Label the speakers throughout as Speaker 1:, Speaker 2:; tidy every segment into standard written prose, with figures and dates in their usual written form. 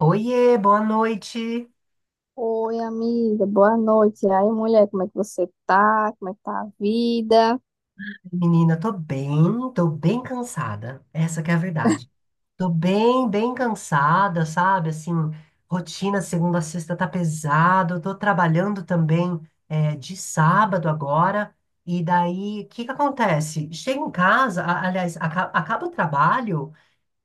Speaker 1: Oiê, boa noite.
Speaker 2: Oi, amiga, boa noite. E aí, mulher, como é que você tá? Como é que tá a vida?
Speaker 1: Menina, tô bem cansada. Essa que é a verdade. Tô bem, bem cansada, sabe? Assim, rotina segunda a sexta tá pesado. Tô trabalhando também é, de sábado agora. E daí, o que que acontece? Chego em casa, acaba o trabalho.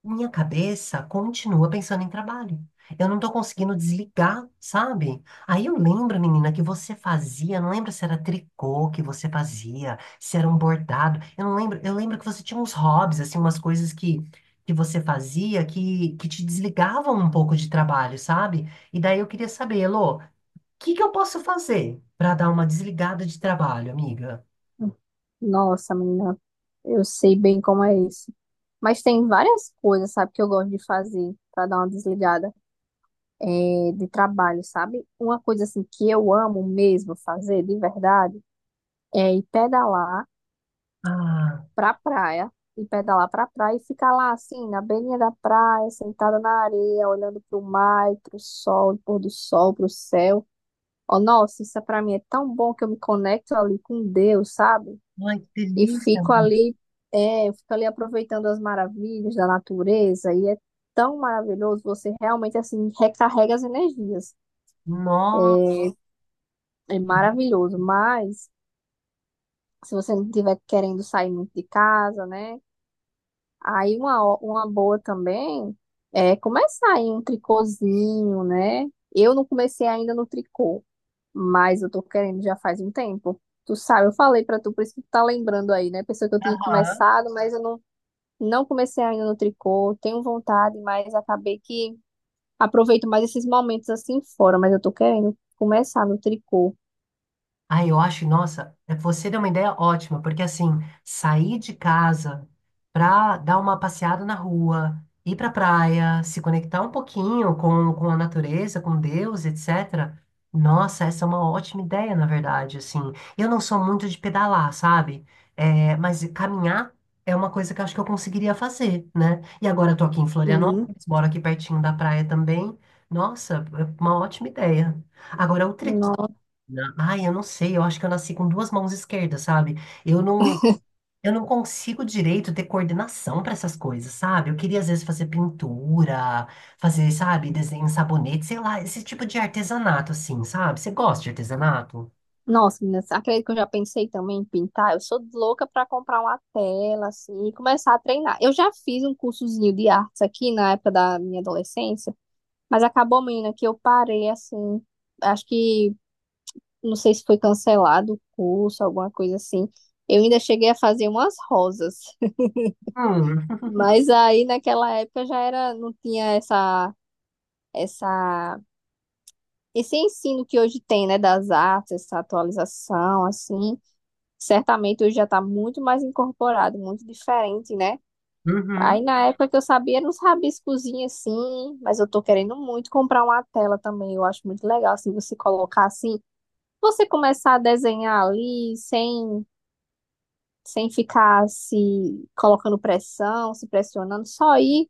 Speaker 1: Minha cabeça continua pensando em trabalho. Eu não estou conseguindo desligar, sabe? Aí eu lembro, menina, que você fazia, não lembro se era tricô que você fazia, se era um bordado. Eu não lembro, eu lembro que você tinha uns hobbies, assim, umas coisas que você fazia que te desligavam um pouco de trabalho, sabe? E daí eu queria saber, Elô, o que que eu posso fazer para dar uma desligada de trabalho, amiga?
Speaker 2: Nossa, menina, eu sei bem como é isso. Mas tem várias coisas, sabe, que eu gosto de fazer pra dar uma desligada de trabalho, sabe? Uma coisa assim que eu amo mesmo fazer, de verdade, é ir pedalar
Speaker 1: Ah,
Speaker 2: pra praia, ir pedalar pra praia e ficar lá assim, na beirinha da praia, sentada na areia, olhando pro mar, e pro sol, pôr do sol, pro céu. Oh, nossa, isso é pra mim é tão bom que eu me conecto ali com Deus, sabe?
Speaker 1: ai, que
Speaker 2: E
Speaker 1: delícia,
Speaker 2: fico
Speaker 1: amor.
Speaker 2: ali, eu fico ali aproveitando as maravilhas da natureza e é tão maravilhoso, você realmente assim recarrega as energias.
Speaker 1: Nossa.
Speaker 2: É, é maravilhoso, mas se você não estiver querendo sair muito de casa, né? Aí uma, uma boa também é começar em um tricôzinho, né? Eu não comecei ainda no tricô. Mas eu tô querendo já faz um tempo. Tu sabe, eu falei pra tu, por isso que tu tá lembrando aí, né? Pensou que eu tinha
Speaker 1: Aham.
Speaker 2: começado, mas eu não comecei ainda no tricô. Tenho vontade, mas acabei que aproveito mais esses momentos assim fora. Mas eu tô querendo começar no tricô.
Speaker 1: Ah, eu acho, nossa, você deu uma ideia ótima, porque assim, sair de casa pra dar uma passeada na rua, ir pra praia, se conectar um pouquinho com a natureza, com Deus, etc. Nossa, essa é uma ótima ideia, na verdade, assim. Eu não sou muito de pedalar, sabe? É, mas caminhar é uma coisa que eu acho que eu conseguiria fazer, né? E agora eu tô aqui em
Speaker 2: Sim.
Speaker 1: Florianópolis, moro aqui pertinho da praia também. Nossa, é uma ótima ideia. Agora, outra
Speaker 2: No-
Speaker 1: Ai, eu não sei, eu acho que eu nasci com duas mãos esquerdas, sabe? Eu não, eu não consigo direito ter coordenação para essas coisas, sabe? Eu queria às vezes fazer pintura, fazer, sabe, desenho em sabonete, sei lá, esse tipo de artesanato assim, sabe? Você gosta de artesanato?
Speaker 2: Nossa, meninas, acredito que eu já pensei também em pintar. Eu sou louca pra comprar uma tela, assim, e começar a treinar. Eu já fiz um cursozinho de artes aqui na época da minha adolescência, mas acabou, menina, que eu parei, assim, acho que não sei se foi cancelado o curso, alguma coisa assim. Eu ainda cheguei a fazer umas rosas,
Speaker 1: Hum.
Speaker 2: mas aí naquela época já era, não tinha essa, essa, esse ensino que hoje tem, né, das artes, essa atualização, assim. Certamente hoje já está muito mais incorporado, muito diferente, né? Aí
Speaker 1: Uhum.
Speaker 2: na época que eu sabia, eram uns rabiscozinhos assim, mas eu tô querendo muito comprar uma tela também. Eu acho muito legal, assim, você colocar assim, você começar a desenhar ali sem ficar se colocando pressão, se pressionando, só ir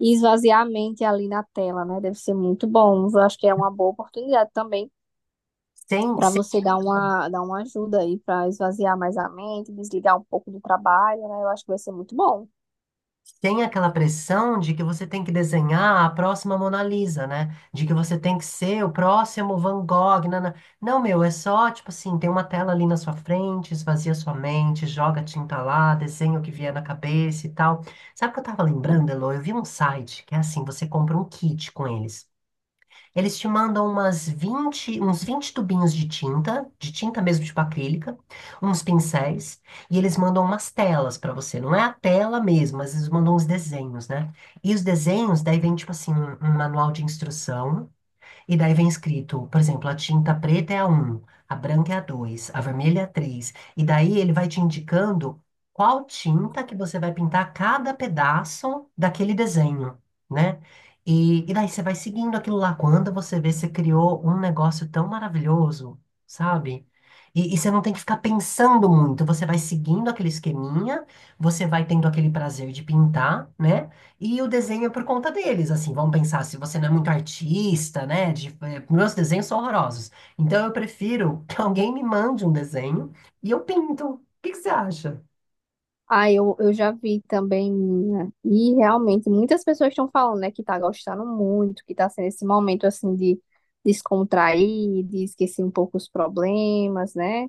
Speaker 2: e esvaziar a mente ali na tela, né? Deve ser muito bom. Eu acho que é uma boa oportunidade também
Speaker 1: Sem,
Speaker 2: para
Speaker 1: sem...
Speaker 2: você dar uma ajuda aí para esvaziar mais a mente, desligar um pouco do trabalho, né? Eu acho que vai ser muito bom.
Speaker 1: Sem aquela pressão de que você tem que desenhar a próxima Mona Lisa, né? De que você tem que ser o próximo Van Gogh. Nana. Não, meu, é só, tipo assim, tem uma tela ali na sua frente, esvazia sua mente, joga tinta lá, desenha o que vier na cabeça e tal. Sabe o que eu tava lembrando, Elo? Eu vi um site que é assim, você compra um kit com eles. Eles te mandam uns vinte tubinhos de tinta mesmo, tipo acrílica, uns pincéis, e eles mandam umas telas pra você. Não é a tela mesmo, mas eles mandam uns desenhos, né? E os desenhos, daí vem, tipo assim, um manual de instrução e daí vem escrito, por exemplo, a tinta preta é a um, a branca é a 2, a vermelha é a 3. E daí ele vai te indicando qual tinta que você vai pintar cada pedaço daquele desenho, né? E daí você vai seguindo aquilo lá. Quando você vê, você criou um negócio tão maravilhoso, sabe? E você não tem que ficar pensando muito, você vai seguindo aquele esqueminha, você vai tendo aquele prazer de pintar, né? E o desenho é por conta deles, assim, vamos pensar, se você não é muito artista, né? Meus desenhos são horrorosos. Então eu prefiro que alguém me mande um desenho e eu pinto. O que que você acha?
Speaker 2: Ah, eu já vi também, menina, e realmente muitas pessoas estão falando, né, que tá gostando muito, que tá sendo esse momento assim de descontrair, de esquecer um pouco os problemas, né?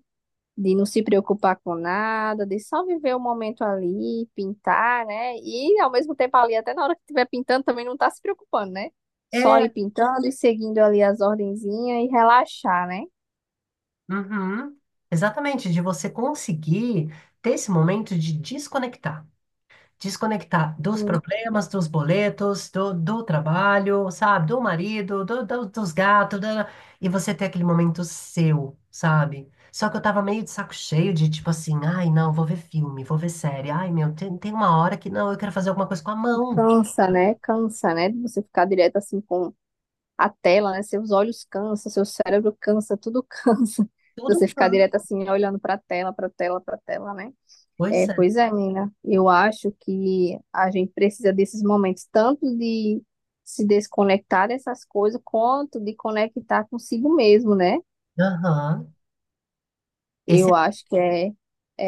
Speaker 2: De não se preocupar com nada, de só viver o momento ali, pintar, né? E ao mesmo tempo ali, até na hora que estiver pintando, também não tá se preocupando, né? Só
Speaker 1: É,
Speaker 2: ir pintando e seguindo ali as ordenzinhas e relaxar, né?
Speaker 1: uhum, exatamente, de você conseguir ter esse momento de desconectar. Desconectar dos
Speaker 2: Hum,
Speaker 1: problemas, dos boletos, do trabalho, sabe? Do marido, dos gatos, e você ter aquele momento seu, sabe? Só que eu tava meio de saco cheio de tipo assim, ai, não, vou ver filme, vou ver série, ai, meu, tem uma hora que não, eu quero fazer alguma coisa com a mão.
Speaker 2: cansa, né? Cansa, né? De você ficar direto assim com a tela, né? Seus olhos cansam, seu cérebro cansa, tudo cansa.
Speaker 1: Tudo
Speaker 2: Você ficar
Speaker 1: plano.
Speaker 2: direto assim, olhando pra tela, pra tela, pra tela, né?
Speaker 1: Pois
Speaker 2: É,
Speaker 1: é.
Speaker 2: pois é, menina. Eu acho que a gente precisa desses momentos, tanto de se desconectar dessas coisas, quanto de conectar consigo mesmo, né?
Speaker 1: Aham. Esse
Speaker 2: Eu acho que é,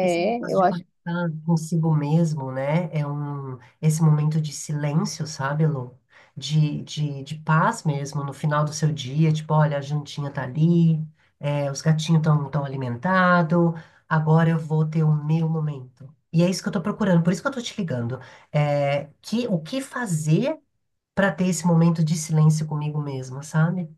Speaker 1: Esse negócio
Speaker 2: eu
Speaker 1: de
Speaker 2: acho.
Speaker 1: conectar consigo mesmo, né? É um, esse momento de silêncio, sabe, Lu? De paz mesmo, no final do seu dia, tipo, olha, a jantinha tá ali, é, os gatinhos estão tão alimentados, agora eu vou ter o meu momento. E é isso que eu tô procurando, por isso que eu tô te ligando. É, que, o que fazer para ter esse momento de silêncio comigo mesma, sabe?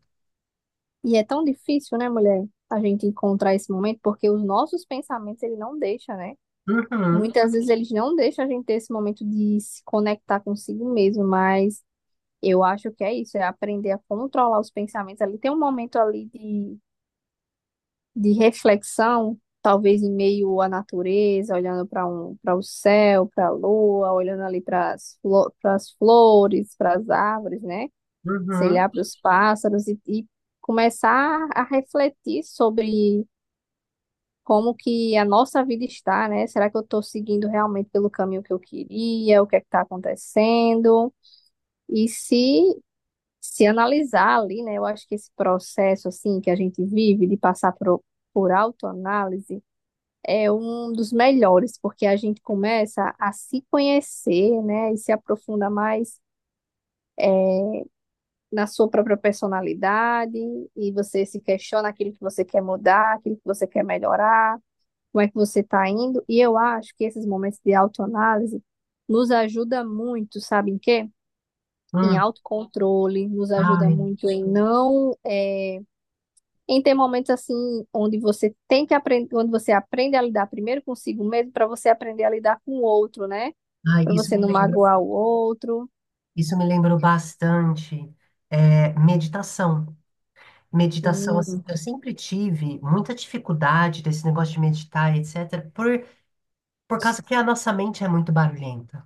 Speaker 2: E é tão difícil, né, mulher, a gente encontrar esse momento, porque os nossos pensamentos, ele não deixa, né?
Speaker 1: Uhum,
Speaker 2: Muitas vezes eles não deixam a gente ter esse momento de se conectar consigo mesmo, mas eu acho que é isso, é aprender a controlar os pensamentos ali. Tem um momento ali de reflexão, talvez em meio à natureza, olhando para um, para o céu, para a lua, olhando ali para as flo pras flores, para as árvores, né? Sei
Speaker 1: uhum,
Speaker 2: lá, para os pássaros e começar a refletir sobre como que a nossa vida está, né? Será que eu estou seguindo realmente pelo caminho que eu queria? O que é que está acontecendo? E se analisar ali, né? Eu acho que esse processo assim que a gente vive de passar por autoanálise é um dos melhores, porque a gente começa a se conhecer, né, e se aprofunda mais na sua própria personalidade, e você se questiona aquilo que você quer mudar, aquilo que você quer melhorar, como é que você está indo. E eu acho que esses momentos de autoanálise nos ajuda muito, sabe em quê? Em
Speaker 1: uhum.
Speaker 2: autocontrole, nos ajuda
Speaker 1: Ai,
Speaker 2: muito em não é, em ter momentos assim onde você tem que aprender, onde você aprende a lidar primeiro consigo mesmo para você aprender a lidar com o outro, né?
Speaker 1: ai,
Speaker 2: Para
Speaker 1: isso
Speaker 2: você
Speaker 1: me
Speaker 2: não
Speaker 1: lembrou.
Speaker 2: magoar o outro.
Speaker 1: Isso me lembrou bastante, eh, meditação. Meditação, assim,
Speaker 2: Sim.
Speaker 1: eu sempre tive muita dificuldade desse negócio de meditar, etc., por causa que a nossa mente é muito barulhenta.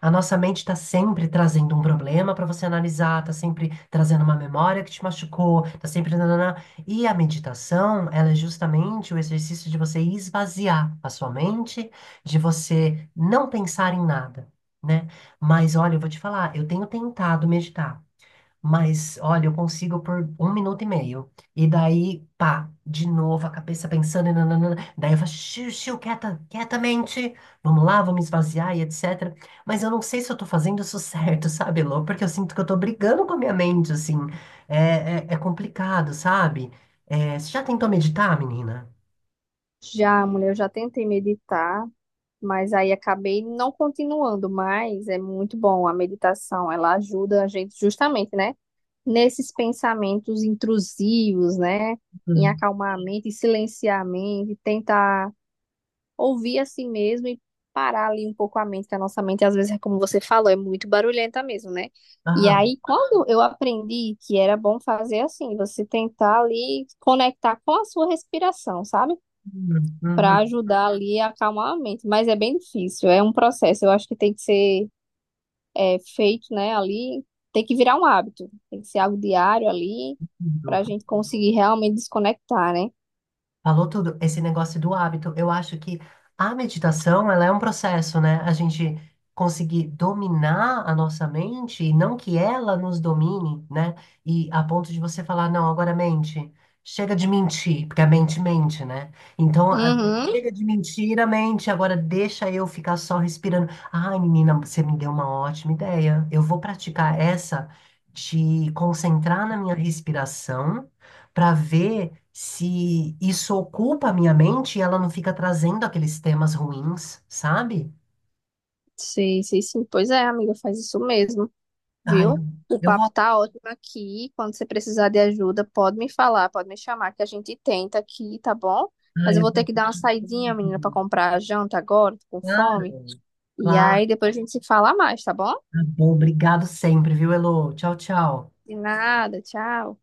Speaker 1: A nossa mente está sempre trazendo um problema para você analisar, está sempre trazendo uma memória que te machucou, está sempre. Nananã. E a meditação, ela é justamente o exercício de você esvaziar a sua mente, de você não pensar em nada, né? Mas olha, eu vou te falar, eu tenho tentado meditar. Mas, olha, eu consigo por 1 minuto e meio. E daí, pá, de novo, a cabeça pensando, e nananana. Daí eu falo, xiu, xiu, quieta, quietamente, vamos lá, vamos esvaziar e etc. Mas eu não sei se eu tô fazendo isso certo, sabe, Lô? Porque eu sinto que eu tô brigando com a minha mente, assim. É complicado, sabe? É, você já tentou meditar, menina?
Speaker 2: Já, mulher, eu já tentei meditar, mas aí acabei não continuando, mas é muito bom a meditação, ela ajuda a gente justamente, né, nesses pensamentos intrusivos, né, em
Speaker 1: Hum.
Speaker 2: acalmar a mente, em silenciar a mente, tentar ouvir assim mesmo e parar ali um pouco a mente, que a nossa mente, às vezes, é como você falou, é muito barulhenta mesmo, né? E
Speaker 1: Ah,
Speaker 2: aí, quando eu aprendi que era bom fazer assim, você tentar ali conectar com a sua respiração, sabe? Para
Speaker 1: uhum,
Speaker 2: ajudar ali a acalmar a mente. Mas é bem difícil, é um processo. Eu acho que tem que ser feito, né? Ali, tem que virar um hábito, tem que ser algo diário ali, para a
Speaker 1: uhum.
Speaker 2: gente conseguir realmente desconectar, né?
Speaker 1: Falou tudo, esse negócio do hábito. Eu acho que a meditação, ela é um processo, né? A gente conseguir dominar a nossa mente e não que ela nos domine, né? E a ponto de você falar, não, agora mente, chega de mentir, porque a mente mente, né? Então,
Speaker 2: Uhum,
Speaker 1: chega de mentir a mente, agora deixa eu ficar só respirando. Ai, menina, você me deu uma ótima ideia. Eu vou praticar essa de concentrar na minha respiração para ver se isso ocupa a minha mente e ela não fica trazendo aqueles temas ruins, sabe?
Speaker 2: sim sei sim. Pois é, amiga, faz isso mesmo.
Speaker 1: Ai,
Speaker 2: Viu? O
Speaker 1: eu
Speaker 2: papo
Speaker 1: vou.
Speaker 2: tá ótimo aqui. Quando você precisar de ajuda, pode me falar, pode me chamar, que a gente tenta aqui, tá bom? Mas
Speaker 1: Ai,
Speaker 2: eu
Speaker 1: é
Speaker 2: vou ter que
Speaker 1: verdade.
Speaker 2: dar uma saidinha, menina, pra comprar a janta agora, tô com fome.
Speaker 1: Claro,
Speaker 2: E
Speaker 1: claro.
Speaker 2: aí depois a gente se fala mais, tá bom?
Speaker 1: Tá bom, obrigado sempre, viu, Elô? Tchau, tchau.
Speaker 2: De nada, tchau.